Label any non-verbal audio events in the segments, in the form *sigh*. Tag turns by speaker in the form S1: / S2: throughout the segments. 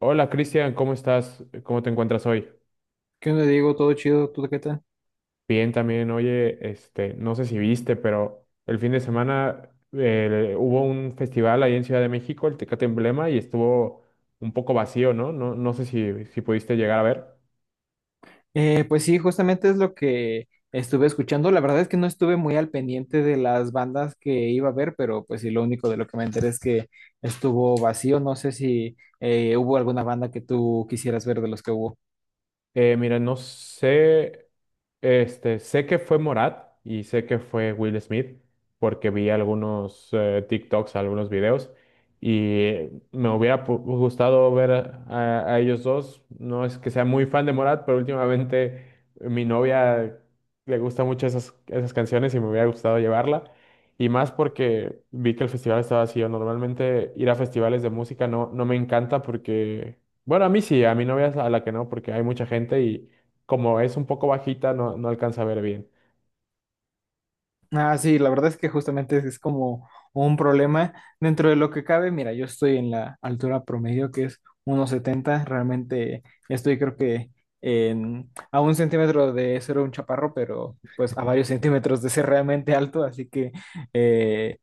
S1: Hola Cristian, ¿cómo estás? ¿Cómo te encuentras hoy?
S2: ¿Qué onda, Diego? ¿Todo chido? ¿Tú qué tal?
S1: Bien también, oye, no sé si viste, pero el fin de semana hubo un festival ahí en Ciudad de México, el Tecate Emblema, y estuvo un poco vacío, ¿no? No, no sé si pudiste llegar a ver.
S2: Pues sí, justamente es lo que estuve escuchando. La verdad es que no estuve muy al pendiente de las bandas que iba a ver, pero pues sí, lo único de lo que me enteré es que estuvo vacío. No sé si hubo alguna banda que tú quisieras ver de los que hubo.
S1: Mira, no sé. Sé que fue Morat y sé que fue Will Smith porque vi algunos TikToks, algunos videos y me hubiera gustado ver a, a ellos dos. No es que sea muy fan de Morat, pero últimamente mi novia le gusta mucho esas canciones y me hubiera gustado llevarla. Y más porque vi que el festival estaba vacío. Normalmente ir a festivales de música no me encanta porque, bueno, a mí sí, a mi novia es a la que no porque hay mucha gente como es un poco bajita, no alcanza a ver bien.
S2: Ah, sí, la verdad es que justamente es como un problema. Dentro de lo que cabe, mira, yo estoy en la altura promedio, que es 1,70. Realmente estoy creo que a un centímetro de ser un chaparro, pero pues a varios centímetros de ser realmente alto. Así que, eh,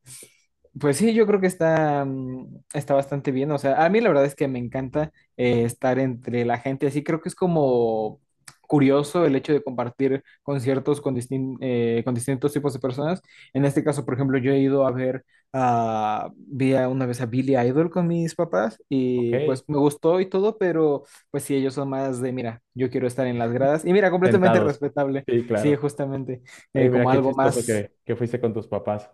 S2: pues sí, yo creo que está bastante bien. O sea, a mí la verdad es que me encanta estar entre la gente. Así creo que es como curioso el hecho de compartir conciertos con distintos tipos de personas. En este caso, por ejemplo, yo he ido a ver, una vez a Billy Idol con mis papás
S1: Ok,
S2: y pues me gustó y todo, pero pues sí, ellos son más de, mira, yo quiero estar en las gradas y mira, completamente
S1: sentados.
S2: respetable,
S1: Sí,
S2: sí,
S1: claro.
S2: justamente,
S1: Oye, mira
S2: como
S1: qué
S2: algo
S1: chistoso
S2: más.
S1: que fuiste con tus papás.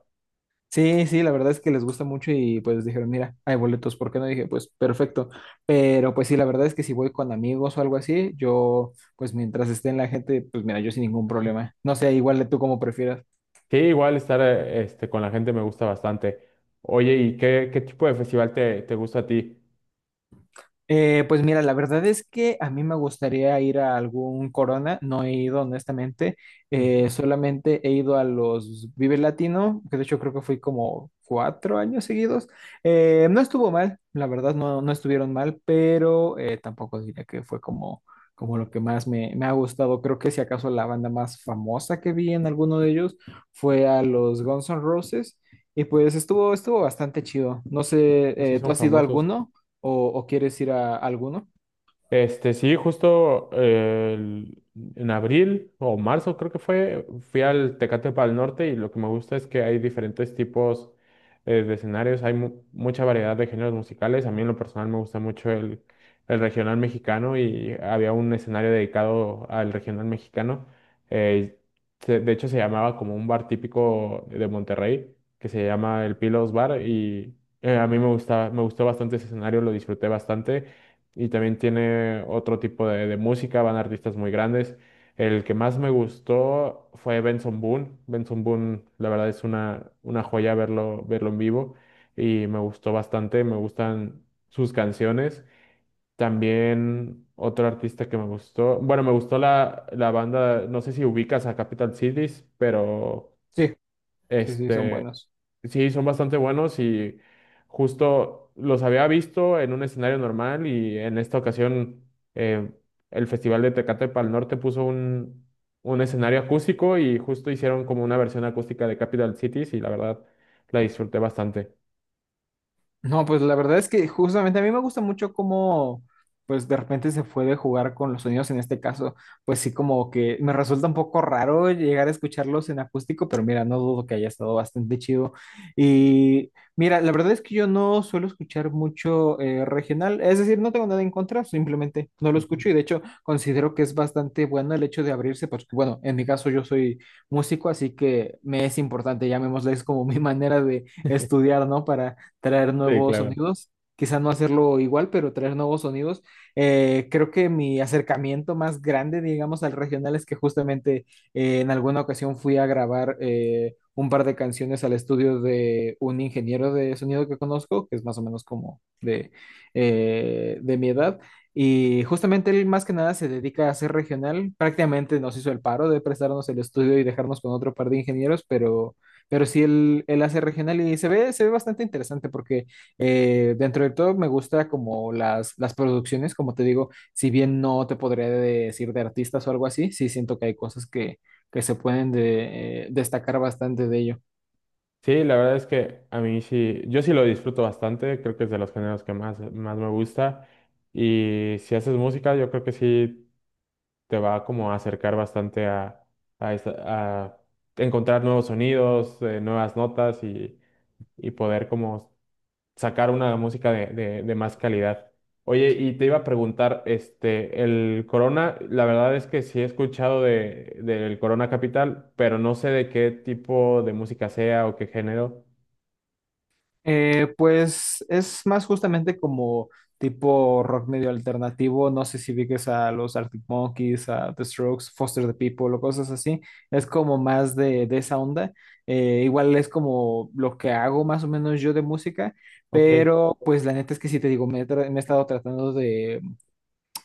S2: Sí, sí, la verdad es que les gusta mucho y pues dijeron, mira, hay boletos, ¿por qué no? Dije, pues perfecto, pero pues sí, la verdad es que si voy con amigos o algo así, yo pues mientras esté en la gente, pues mira, yo sin ningún problema. No sé, igual tú como prefieras.
S1: Sí, igual estar con la gente me gusta bastante. Oye, ¿y qué tipo de festival te gusta a ti?
S2: Pues mira, la verdad es que a mí me gustaría ir a algún Corona, no he ido honestamente,
S1: Ujú.
S2: solamente he ido a los Vive Latino, que de hecho creo que fui como 4 años seguidos. No estuvo mal, la verdad no, no estuvieron mal, pero tampoco diría que fue como lo que más me ha gustado. Creo que si acaso la banda más famosa que vi en alguno de ellos fue a los Guns N' Roses y pues estuvo bastante chido. No
S1: Ah, pues
S2: sé,
S1: sí,
S2: ¿tú
S1: son
S2: has ido a
S1: famosos.
S2: alguno? ¿O, o quieres ir a alguno?
S1: Sí, justo en abril o marzo creo que fue, fui al Tecate el Norte y lo que me gusta es que hay diferentes tipos de escenarios, hay mucha variedad de géneros musicales. A mí en lo personal me gusta mucho el regional mexicano y había un escenario dedicado al regional mexicano. eh, de hecho se llamaba como un bar típico de Monterrey que se llama el Pilos Bar y a mí me gustó bastante ese escenario, lo disfruté bastante y también tiene otro tipo de música, van artistas muy grandes. El que más me gustó fue Benson Boone. Benson Boone, la verdad es una joya verlo en vivo y me gustó bastante, me gustan sus canciones. También otro artista que me gustó, bueno, me gustó la banda, no sé si ubicas a Capital Cities, pero
S2: Sí, sí, sí, son
S1: este,
S2: buenos.
S1: sí, son bastante buenos y justo los había visto en un escenario normal y en esta ocasión eh, el Festival de Tecate Pal Norte puso un escenario acústico y justo hicieron como una versión acústica de Capital Cities y la verdad la disfruté bastante.
S2: No, pues la verdad es que justamente a mí me gusta mucho cómo, pues de repente se puede jugar con los sonidos en este caso, pues sí como que me resulta un poco raro llegar a escucharlos en acústico, pero mira, no dudo que haya estado bastante chido. Y mira, la verdad es que yo no suelo escuchar mucho regional, es decir, no tengo nada en contra, simplemente no lo
S1: Ujú.
S2: escucho y de hecho considero que es bastante bueno el hecho de abrirse, porque bueno, en mi caso yo soy músico, así que me es importante, llamémosle, es como mi *laughs* manera de estudiar, ¿no? Para traer
S1: Sí,
S2: nuevos
S1: claro.
S2: sonidos. Quizá no hacerlo igual, pero traer nuevos sonidos. Creo que mi acercamiento más grande, digamos, al regional es que justamente en alguna ocasión fui a grabar un par de canciones al estudio de un ingeniero de sonido que conozco, que es más o menos como de mi edad. Y justamente él más que nada se dedica a hacer regional. Prácticamente nos hizo el paro de prestarnos el estudio y dejarnos con otro par de ingenieros, pero sí, él hace regional y se ve bastante interesante porque dentro de todo me gusta como las producciones, como te digo, si bien no te podría decir de artistas o algo así, sí siento que hay cosas que se pueden destacar bastante de ello.
S1: Sí, la verdad es que a mí sí, yo sí lo disfruto bastante, creo que es de los géneros que más me gusta y si haces música yo creo que sí te va como a acercar bastante a, esta- a encontrar nuevos sonidos, nuevas y poder como sacar una música de más calidad. Oye, y te iba a preguntar, el Corona, la verdad es que sí he escuchado del Corona Capital, pero no sé de qué tipo de música sea o qué género.
S2: Pues es más justamente como tipo rock medio alternativo. No sé si ubiques a los Arctic Monkeys, a The Strokes, Foster the People o cosas así. Es como más de esa onda. Igual es como lo que hago más o menos yo de música,
S1: Ok.
S2: pero pues la neta es que sí te digo, me he estado tratando de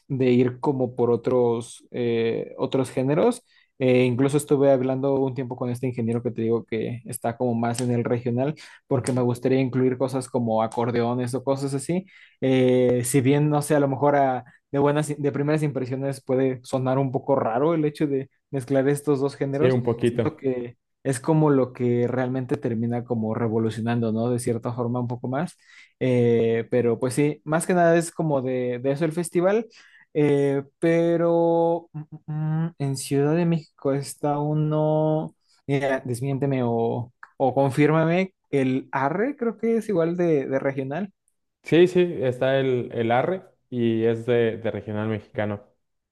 S2: de ir como por otros géneros. Incluso estuve hablando un tiempo con este ingeniero que te digo que está como más en el regional, porque me
S1: Ujú.
S2: gustaría incluir cosas como acordeones o cosas así. Si bien, no sé, a lo mejor de buenas, de primeras impresiones puede sonar un poco raro el hecho de mezclar estos dos
S1: Sí,
S2: géneros,
S1: un
S2: siento
S1: poquito.
S2: que es como lo que realmente termina como revolucionando, ¿no? De cierta forma un poco más. Pero pues sí, más que nada es como de eso el festival. Pero en Ciudad de México está uno, mira, desmiénteme o confírmame, el ARRE creo que es igual de regional.
S1: Sí, sí, está el Arre y es de regional mexicano.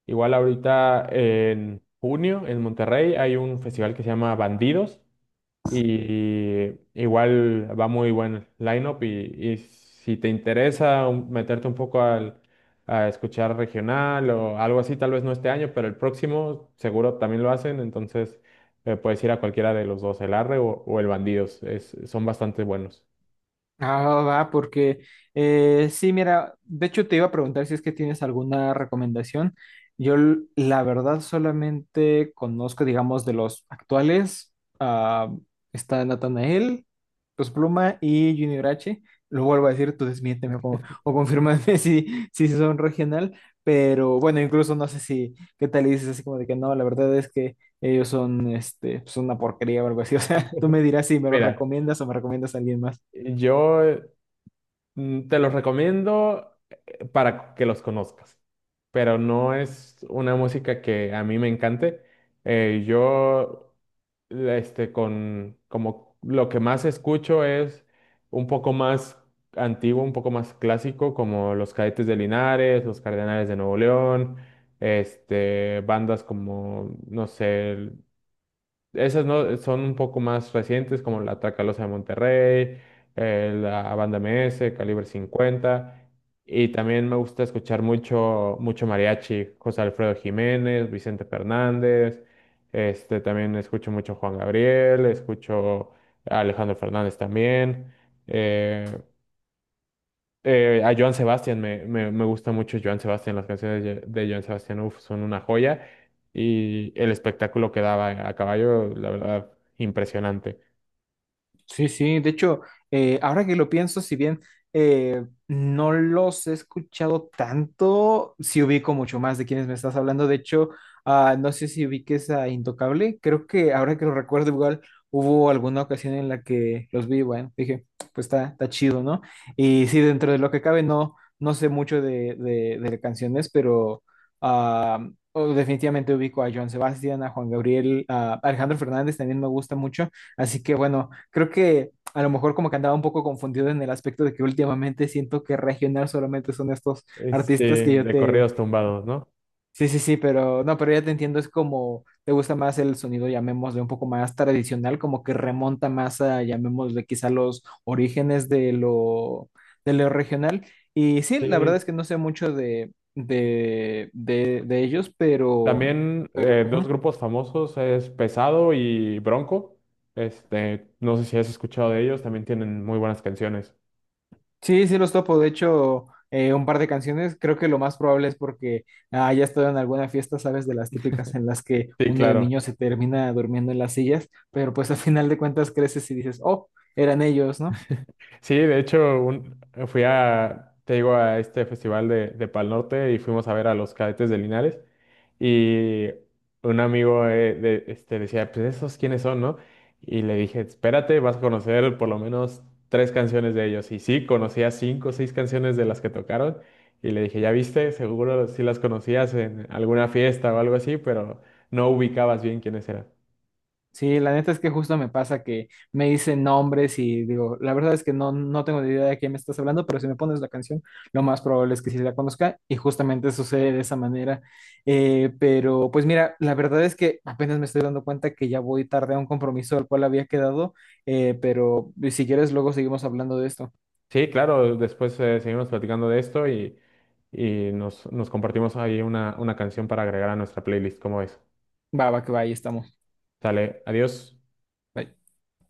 S1: Igual ahorita en junio en Monterrey hay un festival que se llama Bandidos y igual va muy buen line-up y si te interesa meterte un poco a escuchar regional o algo así, tal vez no este año, pero el próximo seguro también lo hacen, entonces puedes ir a cualquiera de los dos, el Arre o el Bandidos, son bastante buenos.
S2: Ah, va, porque sí, mira, de hecho te iba a preguntar si es que tienes alguna recomendación. Yo la verdad solamente conozco, digamos, de los actuales, ah, está Natanael, Los Pluma y Junior H. Lo vuelvo a decir, tú desmiénteme o confírmame *laughs* si son regional, pero bueno, incluso no sé si, qué tal y dices así como de que no, la verdad es que ellos son una porquería o algo así. *laughs* O sea, tú me dirás si me lo
S1: Mira,
S2: recomiendas o me recomiendas a alguien más.
S1: yo te los recomiendo para que los conozcas, pero no es una música que a mí me encante. Eh, yo, como lo que más escucho es un poco más antiguo, un poco más clásico, como los Cadetes de Linares, los Cardenales de Nuevo León, bandas como, no sé, esas no son un poco más recientes, como la Tracalosa de Monterrey, la Banda MS, Calibre 50. Y también me gusta escuchar mucho, mucho mariachi, José Alfredo Jiménez, Vicente Fernández. También escucho mucho Juan Gabriel, escucho a Alejandro Fernández también. eh, a Joan Sebastián, me gusta mucho Joan Sebastián, las canciones de Joan Sebastián uf, son una joya y el espectáculo que daba a caballo, la verdad, impresionante.
S2: Sí, sí, de hecho, ahora que lo pienso, si bien no los he escuchado tanto, sí ubico mucho más de quienes me estás hablando. De hecho, no sé si ubiques a Intocable. Creo que ahora que lo recuerdo, igual hubo alguna ocasión en la que los vi, bueno, dije, pues está chido, ¿no? Y sí, dentro de lo que cabe, no, no sé mucho de canciones, pero ah, oh, definitivamente ubico a Joan Sebastián, a Juan Gabriel, a Alejandro Fernández también me gusta mucho. Así que bueno, creo que a lo mejor como que andaba un poco confundido en el aspecto de que últimamente siento que regional solamente son estos artistas que yo
S1: De
S2: te...
S1: corridos tumbados, ¿no?
S2: Sí, sí, sí, pero no, pero ya te entiendo, es como te gusta más el sonido, llamémosle un poco más tradicional, como que remonta más a, llamémosle quizá los orígenes de lo regional. Y sí, la verdad
S1: Sí,
S2: es que no sé mucho de ellos, pero,
S1: también dos
S2: ujú.
S1: grupos famosos es Pesado y Bronco. No sé si has escuchado de ellos, también tienen muy buenas canciones.
S2: Sí, sí los topo. De hecho, un par de canciones. Creo que lo más probable es porque ya he estado en alguna fiesta, ¿sabes? De las típicas en las que
S1: Sí,
S2: uno de
S1: claro.
S2: niño se termina durmiendo en las sillas, pero pues a final de cuentas creces y dices, oh, eran ellos, ¿no?
S1: Sí, de hecho, fui a, te digo, a este festival de Pal Norte y fuimos a ver a los Cadetes de Linares. Y un amigo decía, pues esos quiénes son, ¿no? Y le dije, espérate, vas a conocer por lo menos 3 canciones de ellos. Y sí, conocía 5 o 6 canciones de las que tocaron. Y le dije, ya viste, seguro sí las conocías en alguna fiesta o algo así, pero no ubicabas bien quiénes eran.
S2: Sí, la neta es que justo me pasa que me dicen nombres y digo, la verdad es que no, no tengo ni idea de quién me estás hablando, pero si me pones la canción, lo más probable es que sí la conozca y justamente sucede de esa manera. Pero pues mira, la verdad es que apenas me estoy dando cuenta que ya voy tarde a un compromiso al cual había quedado, pero si quieres luego seguimos hablando de esto.
S1: Sí, claro, después seguimos platicando de esto y nos compartimos ahí una canción para agregar a nuestra playlist, ¿cómo ves?
S2: Va, va, que va, ahí estamos.
S1: Sale, adiós.
S2: Bye.